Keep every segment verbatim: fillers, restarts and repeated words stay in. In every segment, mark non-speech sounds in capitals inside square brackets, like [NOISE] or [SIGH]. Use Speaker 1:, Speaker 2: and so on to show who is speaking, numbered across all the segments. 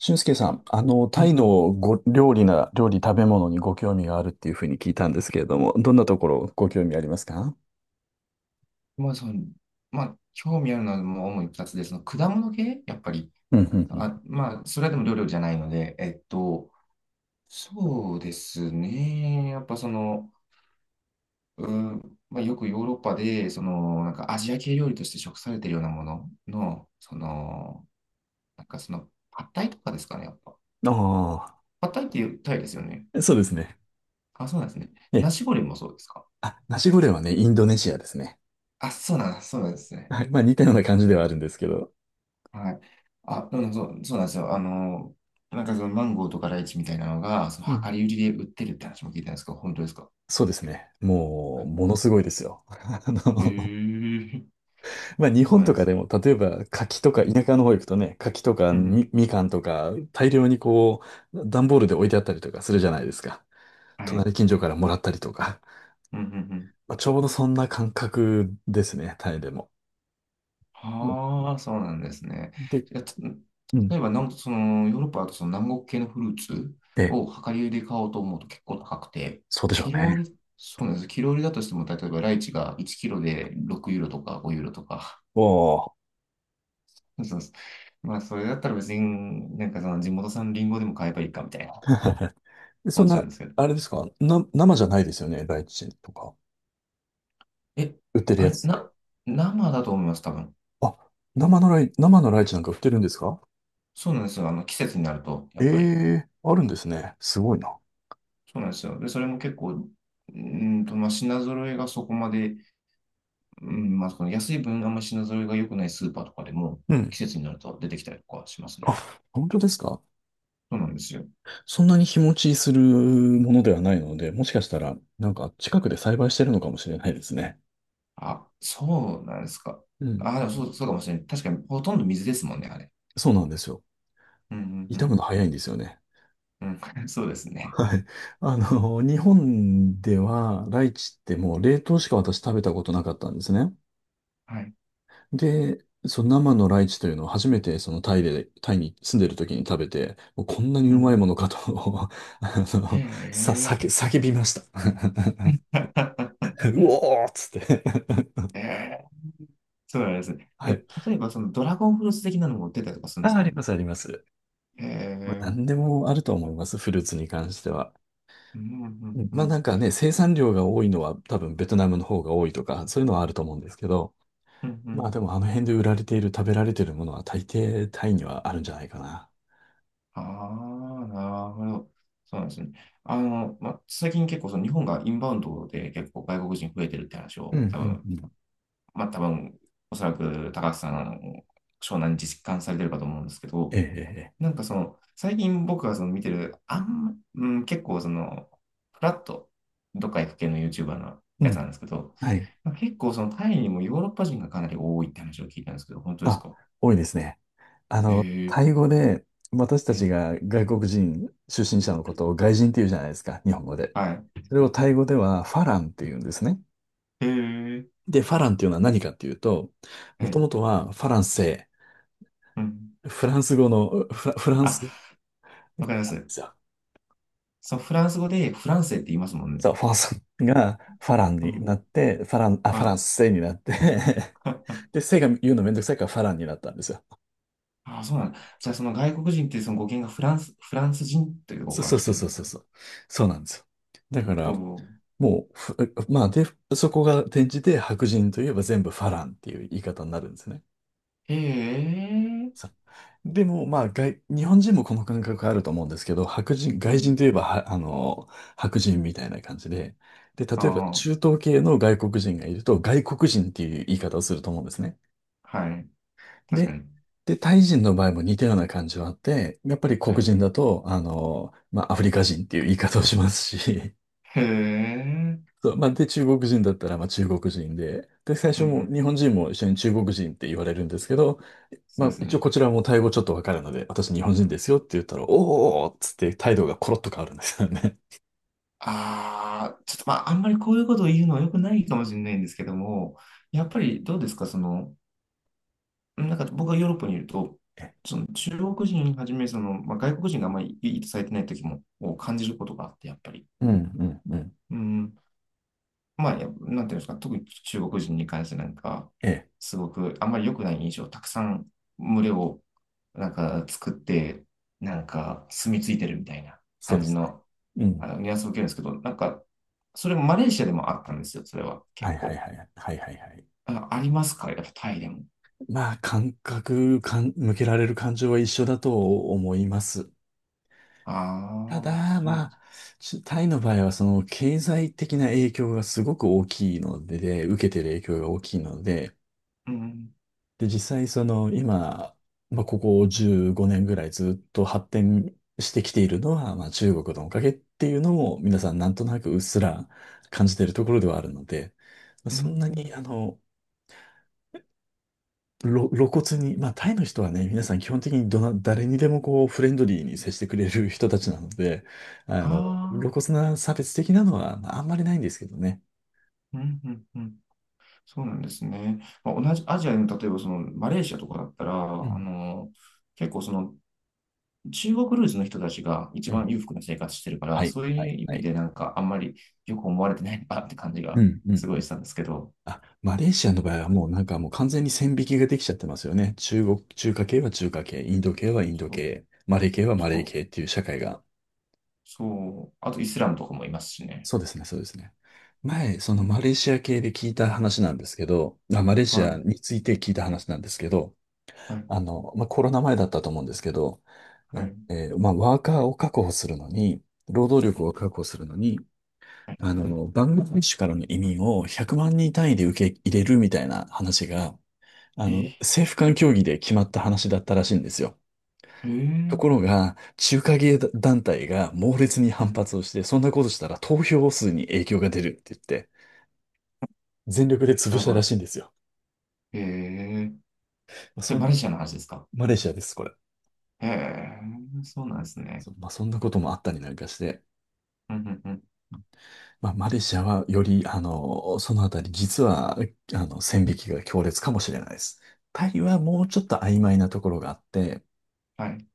Speaker 1: 俊介さ
Speaker 2: あ、
Speaker 1: ん、あの、
Speaker 2: は
Speaker 1: タイ
Speaker 2: い。
Speaker 1: のご料理な、料理食べ物にご興味があるっていうふうに聞いたんですけれども、どんなところご興味ありますか？
Speaker 2: まあ、その、まあ、興味あるのはもう主にふたつで、その果物系やっぱり。
Speaker 1: うん、うん、
Speaker 2: あ、まあ、それでも料理じゃないので、えっと、そうですね。やっぱその、うん、まあ、よくヨーロッパで、その、なんかアジア系料理として食されてるようなものの、その、なんかその、パッタイとかですかね、やっぱ。
Speaker 1: うん。あ
Speaker 2: パッタイっていうタイですよね。
Speaker 1: あ、そうですね。
Speaker 2: あ、そうなんですね。
Speaker 1: え
Speaker 2: ナ
Speaker 1: え。
Speaker 2: シゴレンもそうですか。
Speaker 1: あ、ナシゴレンはね、インドネシアですね。
Speaker 2: あ、そうなんです、そうなんですね。
Speaker 1: はい。まあ似たような感じではあるんですけど。
Speaker 2: はい。あ、うん、そう、そうなんですよ。あの、なんかそのマンゴーとかライチみたいなのが、その
Speaker 1: う
Speaker 2: 量
Speaker 1: ん。
Speaker 2: り売りで売ってるって話も聞いたんですけど、本当ですか？
Speaker 1: そうですね。
Speaker 2: は
Speaker 1: も
Speaker 2: い。
Speaker 1: う、ものすごいですよ。[LAUGHS] あ
Speaker 2: へえ
Speaker 1: の、
Speaker 2: ー、
Speaker 1: まあ日
Speaker 2: [LAUGHS] そう
Speaker 1: 本
Speaker 2: なん
Speaker 1: と
Speaker 2: で
Speaker 1: か
Speaker 2: す。
Speaker 1: でも、例えば柿と
Speaker 2: う
Speaker 1: か、
Speaker 2: ん。
Speaker 1: 田舎の方行くとね、柿とか
Speaker 2: う
Speaker 1: み、
Speaker 2: ん。
Speaker 1: みかんとか、大量にこう、段ボールで置いてあったりとかするじゃないですか。
Speaker 2: はい。
Speaker 1: 隣近所からもらったりとか。
Speaker 2: うん。うん。うん。
Speaker 1: まあ、ちょうどそんな感覚ですね、タイでも。もう
Speaker 2: はあ、そうなんですね。
Speaker 1: で、
Speaker 2: いや、つ
Speaker 1: う
Speaker 2: 例
Speaker 1: ん。
Speaker 2: えば、なんその、ヨーロッパだとその南国系のフルーツ
Speaker 1: え、
Speaker 2: を量り売りで買おうと思うと結構高くて、
Speaker 1: そうでしょう
Speaker 2: キロ売
Speaker 1: ね。
Speaker 2: り、そうなんです。キロ売りだとしても、例えばライチがいちキロでろくユーロとかごユーロとか、
Speaker 1: おお。
Speaker 2: そうそうそう。[LAUGHS] まあ、それだったら別に、なんかその地元産リンゴでも買えばいいかみたいな
Speaker 1: でそ
Speaker 2: 思
Speaker 1: ん
Speaker 2: っちゃ
Speaker 1: な、
Speaker 2: うんですけど。
Speaker 1: あれですかな、生じゃないですよね、ライチとか。
Speaker 2: え、
Speaker 1: 売ってる
Speaker 2: あ
Speaker 1: や
Speaker 2: れ、
Speaker 1: つって。
Speaker 2: な、生だと思います、多分。
Speaker 1: あ、生のライ、生のライチなんか売ってるんですか？
Speaker 2: そうなんですよ。あの、季節になると、や
Speaker 1: え
Speaker 2: っぱり。
Speaker 1: えー、あるんですね。すごいな。
Speaker 2: そうなんですよ。で、それも結構、うーんと、まあ、品揃えがそこまで、うん、まあ、その安い分、あんまり品揃えが良くないスーパーとかでも、
Speaker 1: うん。
Speaker 2: 季節になると出てきたりとかしますね。
Speaker 1: あ、本当ですか？
Speaker 2: そうなんですよ。
Speaker 1: そんなに日持ちするものではないので、もしかしたら、なんか近くで栽培してるのかもしれないですね。
Speaker 2: あ、そうなんですか。
Speaker 1: うん。
Speaker 2: あ、でもそう、そうかもしれない。確かに、ほとんど水ですもんね、あれ。
Speaker 1: そうなんですよ。
Speaker 2: うん、う
Speaker 1: 傷む
Speaker 2: ん、
Speaker 1: の早いんですよね。
Speaker 2: うん。うん、[LAUGHS] そうですね。
Speaker 1: はい。あの、日本ではライチってもう冷凍しか私食べたことなかったんですね。
Speaker 2: はい。
Speaker 1: で、その生のライチというのを初めてそのタイで、タイに住んでる時に食べて、もうこんなに
Speaker 2: う
Speaker 1: うまい
Speaker 2: ん。
Speaker 1: ものかと [LAUGHS] あ
Speaker 2: へ
Speaker 1: の、さ、
Speaker 2: え。
Speaker 1: 叫、叫びました。[LAUGHS]
Speaker 2: [LAUGHS]
Speaker 1: うおーっつって。
Speaker 2: へえ。そうなんですね。
Speaker 1: は
Speaker 2: え、
Speaker 1: い。
Speaker 2: 例えばそのドラゴンフルーツ的なのも売ってたりとかするんで
Speaker 1: あ、
Speaker 2: す
Speaker 1: あ
Speaker 2: か
Speaker 1: り
Speaker 2: ね。
Speaker 1: ます、あります。
Speaker 2: へ
Speaker 1: まあ、
Speaker 2: え。
Speaker 1: 何でもあると思います、フルーツに関しては。
Speaker 2: うん、う
Speaker 1: う
Speaker 2: ん、
Speaker 1: ん
Speaker 2: う
Speaker 1: まあ
Speaker 2: ん、
Speaker 1: なんかね、生産量が多いのは多分ベトナムの方が多いとか、そういうのはあると思うんですけど、
Speaker 2: うん、う
Speaker 1: まあ
Speaker 2: ん。
Speaker 1: でもあの辺で売られている食べられているものは大抵タイにはあるんじゃないかな。
Speaker 2: ああ、なるほど。そうなんですね。あの、まあ、最近結構その日本がインバウンドで結構外国人増えてるって話
Speaker 1: うん
Speaker 2: を多分、
Speaker 1: うんうん。
Speaker 2: まあ、多分、おそらく高橋さん、あの湘南に実感されてるかと思うんですけ
Speaker 1: ええ
Speaker 2: ど、
Speaker 1: ええ。ええ、
Speaker 2: なんかその、最近僕がその見てる、あんま、うん、結構その、フラット、どっか行く系の YouTuber の
Speaker 1: う
Speaker 2: やつな
Speaker 1: ん。
Speaker 2: んですけど、
Speaker 1: はい。
Speaker 2: 結構そのタイにもヨーロッパ人がかなり多いって話を聞いたんですけど、本当です
Speaker 1: あ、
Speaker 2: か？
Speaker 1: 多いですね。あ
Speaker 2: へ
Speaker 1: の、タ
Speaker 2: ー、
Speaker 1: イ語で私た
Speaker 2: は
Speaker 1: ち
Speaker 2: い、
Speaker 1: が外国人出身者のことを外人って言うじゃないですか、日本語で。
Speaker 2: はい。
Speaker 1: それをタイ語ではファランって言うんですね。
Speaker 2: へー、
Speaker 1: で、ファランっていうのは何かっていうと、
Speaker 2: は
Speaker 1: もとも
Speaker 2: い。
Speaker 1: とはファランセ
Speaker 2: うん。
Speaker 1: イ、フランス語のフラ、フランスで
Speaker 2: あ、わかります。
Speaker 1: すよ。
Speaker 2: そう、フランス語でフランセって言いますもんね。
Speaker 1: そう、ファースがファラン
Speaker 2: う
Speaker 1: に
Speaker 2: ん。
Speaker 1: なって、ファラン、あ、ファラ
Speaker 2: は
Speaker 1: ン
Speaker 2: い。
Speaker 1: スセイになって [LAUGHS] で、
Speaker 2: [LAUGHS]
Speaker 1: せが言うのめんどくさいからファランになったんですよ。
Speaker 2: あ、そうなんだ。じゃあ
Speaker 1: そ
Speaker 2: その外国人ってその語源がフランス、フランス人という
Speaker 1: う、
Speaker 2: 語
Speaker 1: そう
Speaker 2: が
Speaker 1: そう
Speaker 2: 来て
Speaker 1: そ
Speaker 2: るんで
Speaker 1: う
Speaker 2: す
Speaker 1: そう
Speaker 2: ね。
Speaker 1: そう。そうなんですよ。だから、
Speaker 2: そ
Speaker 1: もう、ふまあ、で、そこが転じて白人といえば全部ファランっていう言い方になるんですね。
Speaker 2: う。へえ、
Speaker 1: そう、でも、まあ、外、日本人もこの感覚あると思うんですけど、白人、
Speaker 2: う
Speaker 1: 外人
Speaker 2: ん。
Speaker 1: といえばは、あの、白人みたいな感じで、で、
Speaker 2: あ
Speaker 1: 例えば中
Speaker 2: あ。
Speaker 1: 東系の外国人がいると、外国人っていう言い方をすると思うんですね。
Speaker 2: はい。確か
Speaker 1: で、
Speaker 2: に。
Speaker 1: で、タイ人の場合も似たような感じはあって、やっぱり
Speaker 2: は
Speaker 1: 黒
Speaker 2: い。
Speaker 1: 人だと、あの、まあ、アフリカ人っていう言い方をしますし、
Speaker 2: へえ。
Speaker 1: [LAUGHS] そう、まあ、で、中国人だったら、まあ、中国人で、で、最
Speaker 2: う
Speaker 1: 初
Speaker 2: んう
Speaker 1: も
Speaker 2: ん。
Speaker 1: 日本人も一緒に中国人って言われるんですけど、ま
Speaker 2: そう
Speaker 1: あ、
Speaker 2: です
Speaker 1: 一応
Speaker 2: ね。
Speaker 1: こちらもタイ語ちょっとわかるので、私日本人ですよって言ったら、おーおーおーっつって態度がコロッと変わるんですよね。
Speaker 2: ああ、ちょっとまあ、あんまりこういうことを言うのは良くないかもしれないんですけども、やっぱりどうですか、その、なんか僕がヨーロッパにいると、
Speaker 1: [LAUGHS] え、
Speaker 2: その中国人はじめ、その、まあ、外国人があんまりいいとされてない時もを感じることがあって、やっぱり。
Speaker 1: うんうんうん。
Speaker 2: うん。まあ、やなんていうんですか、特に中国人に関してなんか、
Speaker 1: ええ、
Speaker 2: すごくあんまり良くない印象、たくさん群れをなんか作って、なんか住み着いてるみたいな
Speaker 1: そう
Speaker 2: 感
Speaker 1: で
Speaker 2: じ
Speaker 1: すね。
Speaker 2: の、
Speaker 1: うん。
Speaker 2: あのニュアンスを受けるんですけど、なんか、それもマレーシアでもあったんですよ、それは
Speaker 1: は
Speaker 2: 結
Speaker 1: いはい
Speaker 2: 構。
Speaker 1: はい。はいはいはい。
Speaker 2: あ、ありますか、やっぱタイでも。
Speaker 1: まあ、感覚かん、向けられる感情は一緒だと思います。た
Speaker 2: ああ、
Speaker 1: だ、
Speaker 2: そうな
Speaker 1: ま
Speaker 2: んで
Speaker 1: あ、
Speaker 2: す。
Speaker 1: ちタイの場合は、その、経済的な影響がすごく大きいので、で、受けてる影響が大きいので、
Speaker 2: うん、
Speaker 1: で、実際、その、今、まあ、ここじゅうごねんぐらいずっと発展してきているのは、まあ、中国のおかげっていうのも、皆さんなんとなくうっすら感じているところではあるので、まあ
Speaker 2: う
Speaker 1: そんなに、
Speaker 2: ん、
Speaker 1: あの、ろ露骨に、まあ、タイの人はね、皆さん基本的にどな、誰にでもこう、フレンドリーに接してくれる人たちなので、あ
Speaker 2: あ
Speaker 1: の、露
Speaker 2: あ、
Speaker 1: 骨な差別的なのは、まあ、あんまりないんですけどね。
Speaker 2: うん、うん、うん。そうなんですね。まあ、同じアジアの、例えばそのマレーシアとかだったら、
Speaker 1: う
Speaker 2: あ
Speaker 1: ん。
Speaker 2: の、結構その中国ルーツの人たちが一
Speaker 1: う
Speaker 2: 番
Speaker 1: ん。
Speaker 2: 裕福な生活してるか
Speaker 1: は
Speaker 2: ら、
Speaker 1: い、
Speaker 2: そう
Speaker 1: はい、
Speaker 2: いう意
Speaker 1: は
Speaker 2: 味
Speaker 1: い。
Speaker 2: でなんかあんまりよく思われてないなって感じ
Speaker 1: う
Speaker 2: が
Speaker 1: ん、うん。
Speaker 2: すごいしたんですけど、
Speaker 1: あ、マレーシアの場合はもうなんかもう完全に線引きができちゃってますよね。中国、中華系は中華系、インド系はインド
Speaker 2: そう、
Speaker 1: 系、マレー系はマレ
Speaker 2: そ
Speaker 1: ー
Speaker 2: う、
Speaker 1: 系っていう社会が。
Speaker 2: そうあとイスラムとかもいますしね。
Speaker 1: そうですね、そうですね。前、そ
Speaker 2: う
Speaker 1: のマレ
Speaker 2: ん、
Speaker 1: ーシア系で聞いた話なんですけど、まあ、マレーシア
Speaker 2: は
Speaker 1: について聞いた話なんですけど、
Speaker 2: い、はい、
Speaker 1: あの、まあ、コロナ前だったと思うんですけど、
Speaker 2: はい。
Speaker 1: え、えーまあ、ワーカーを確保するのに、労働
Speaker 2: うん、
Speaker 1: 力を確保するのに、
Speaker 2: はい。
Speaker 1: あの、バングラデシュからの移民をひゃくまん人単位で受け入れるみたいな話が、あ
Speaker 2: え
Speaker 1: の、政府間協議で決まった話だったらしいんですよ。
Speaker 2: ー、え
Speaker 1: とこ
Speaker 2: ー、
Speaker 1: ろが、中華系団体が猛烈に
Speaker 2: う
Speaker 1: 反
Speaker 2: ん、
Speaker 1: 発をして、そんなことしたら投票数に影響が出るって言って、全力で潰
Speaker 2: な
Speaker 1: し
Speaker 2: ん
Speaker 1: たら
Speaker 2: か、
Speaker 1: しいんですよ。
Speaker 2: えー、
Speaker 1: まあ
Speaker 2: そ
Speaker 1: そ
Speaker 2: れ
Speaker 1: ん、
Speaker 2: マレーシアの話ですか？
Speaker 1: マレーシアです、これ。
Speaker 2: ええー、そうなんですね。
Speaker 1: そまあ、そんなこともあったりなんかして、
Speaker 2: うん、うん、うん、
Speaker 1: まあ、マレーシアはより、あの、そのあたり、実は、あの、線引きが強烈かもしれないです。タイはもうちょっと曖昧なところがあって、
Speaker 2: はい、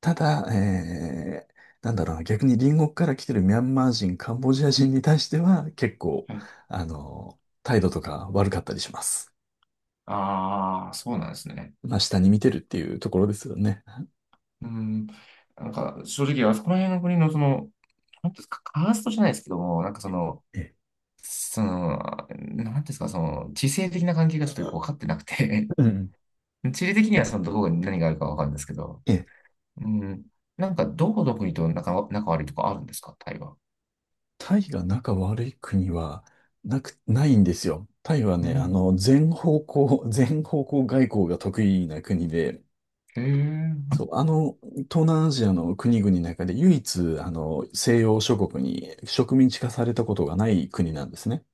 Speaker 1: ただ、えー、なんだろうな、逆に隣国から来てるミャンマー人、カンボジア人に対しては、結構、
Speaker 2: はい。
Speaker 1: あの、態度とか悪かったりします。
Speaker 2: ああ、そうなんですね。
Speaker 1: まあ、下に見てるっていうところですよね。
Speaker 2: うん、なんか正直、あそこら辺の国のその、なんていうんですか、カーストじゃないですけども、なんかその、
Speaker 1: ええ、
Speaker 2: その、なんていうんですか、その、地政的な関係がちょっとよく分かってなくて。
Speaker 1: うん。
Speaker 2: [LAUGHS] 地理的にはそのどこに何があるか分かるんですけど、
Speaker 1: ええ。
Speaker 2: うん、なんかどこの国と仲、仲悪いとかあるんですか、タイは。
Speaker 1: タイが仲悪い国はなく、ないんですよ。タイは
Speaker 2: う
Speaker 1: ね、あ
Speaker 2: ん、
Speaker 1: の、全方向、[LAUGHS] 全方向外交が得意な国で、
Speaker 2: へえ、
Speaker 1: そう、あの、東南アジアの国々の中で唯一、あの、西洋諸国に植民地化されたことがない国なんですね。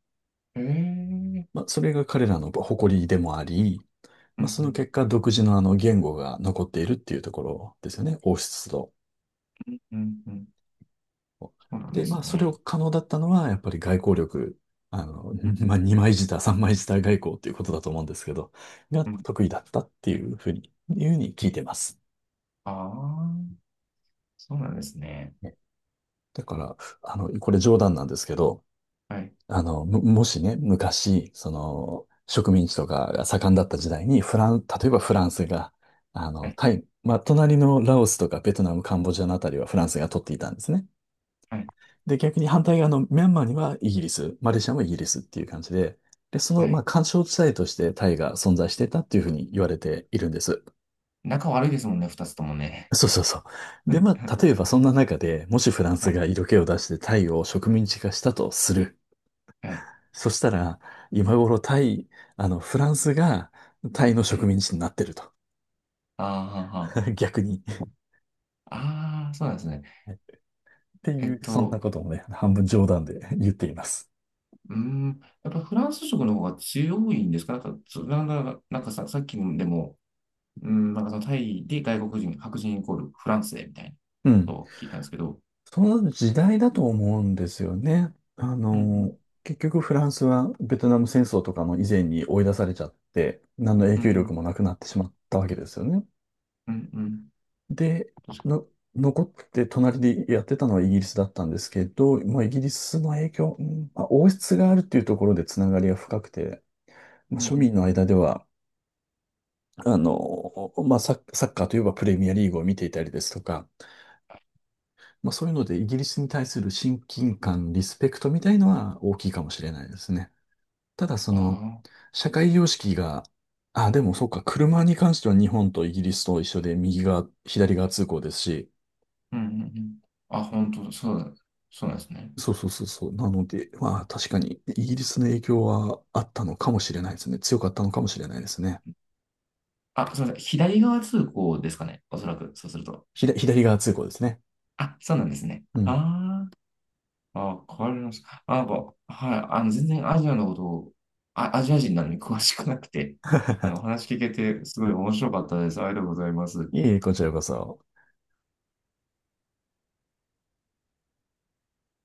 Speaker 2: へえ、
Speaker 1: まあ、それが彼らの誇りでもあり、
Speaker 2: う
Speaker 1: ま
Speaker 2: ん
Speaker 1: あ、
Speaker 2: う
Speaker 1: その
Speaker 2: ん、
Speaker 1: 結果、独自のあの言語が残っているっていうところですよね。王室と。
Speaker 2: うん、うん、そうなんで
Speaker 1: で、ま
Speaker 2: す
Speaker 1: あ、それを
Speaker 2: ね。
Speaker 1: 可能だったのは、やっぱり外交力、あの、
Speaker 2: うん、
Speaker 1: [LAUGHS] まあ、二枚舌、三枚舌外交っていうことだと思うんですけど、が
Speaker 2: うん、
Speaker 1: 得意だったっていうふうに、いうふうに聞いてます。
Speaker 2: ああ、そうなんですね。
Speaker 1: ね、だから、あの、これ冗談なんですけど、
Speaker 2: はい、
Speaker 1: あの、ももしね、昔、その、植民地とかが盛んだった時代に、フラン、例えばフランスが、あ
Speaker 2: は
Speaker 1: の、
Speaker 2: い、
Speaker 1: タイ、まあ、隣のラオスとかベトナム、カンボジアのあたりはフランスが取っていたんですね。
Speaker 2: はい、
Speaker 1: で、逆に反対側のミャンマーにはイギリス、マレーシアもイギリスっていう感じで、で、その、
Speaker 2: は
Speaker 1: まあ、
Speaker 2: い。
Speaker 1: 緩衝地帯としてタイが存在してたっていうふうに言われているんです。
Speaker 2: 仲悪いですもんね、二つともね。
Speaker 1: [LAUGHS] そうそうそう。
Speaker 2: [LAUGHS] う
Speaker 1: で、
Speaker 2: ん
Speaker 1: ま
Speaker 2: う
Speaker 1: あ、
Speaker 2: ん。
Speaker 1: 例えばそんな中で、もしフラン
Speaker 2: は
Speaker 1: ス
Speaker 2: い、
Speaker 1: が色気を出してタイを植民地化したとする。
Speaker 2: はい、
Speaker 1: そしたら、今頃タイ、あの、フランスがタイの
Speaker 2: は
Speaker 1: 植
Speaker 2: い。
Speaker 1: 民地になってると。
Speaker 2: あーは、は
Speaker 1: [LAUGHS] 逆に。
Speaker 2: あー、そうなんですね。
Speaker 1: って
Speaker 2: え
Speaker 1: い
Speaker 2: っ
Speaker 1: う、そんな
Speaker 2: と、
Speaker 1: こともね、半分冗談で言っています。
Speaker 2: うーん、やっぱフランス食の方が強いんですか、なんか、そなんか、なんかさ、さっきでも、うーん、なんかそのタイで外国人、白人イコールフランスでみたいな
Speaker 1: う
Speaker 2: こと
Speaker 1: ん。
Speaker 2: を聞いたんですけど、
Speaker 1: その時代だと思うんですよね。あ
Speaker 2: うんうん、
Speaker 1: の、結局フランスはベトナム戦争とかの以前に追い出されちゃって、何の影
Speaker 2: う
Speaker 1: 響力も
Speaker 2: ん
Speaker 1: なくなってしまったわけですよね。
Speaker 2: うん、うんうん、
Speaker 1: で、の、残って隣でやってたのはイギリスだったんですけど、まあ、イギリスの影響、うんまあ、王室があるっていうところでつながりが深くて、まあ、
Speaker 2: うん
Speaker 1: 庶
Speaker 2: うん、
Speaker 1: 民の間では、あの、まあ、サッサッカーといえばプレミアリーグを見ていたりですとか、まあ、そういうので、イギリスに対する親近感、リスペクトみたいのは大きいかもしれないですね。ただ、その、
Speaker 2: ああ
Speaker 1: 社会様式が、あ、でもそうか、車に関しては日本とイギリスと一緒で、右側、左側通行ですし、
Speaker 2: ー、うんうんうんうんうんうんうん、あ、うんうんうん、あ、本当そうだ、そうなんですね。
Speaker 1: そうそうそうそう。なので、まあ、確かに、イギリスの影響はあったのかもしれないですね。強かったのかもしれないですね。
Speaker 2: あ、すみません、左側通行ですかね、おそらく、そうすると。
Speaker 1: ひだ、左側通行ですね。
Speaker 2: あ、そうなんですね。
Speaker 1: うん。
Speaker 2: ああ。あ、変わります。あ、なんか、はい、あの、全然アジアのことを、あ、アジア人なのに詳しくなくて、あの、お話聞けて、すごい面白かったです。ありがとうございます。
Speaker 1: いえいえ、こちらこそ。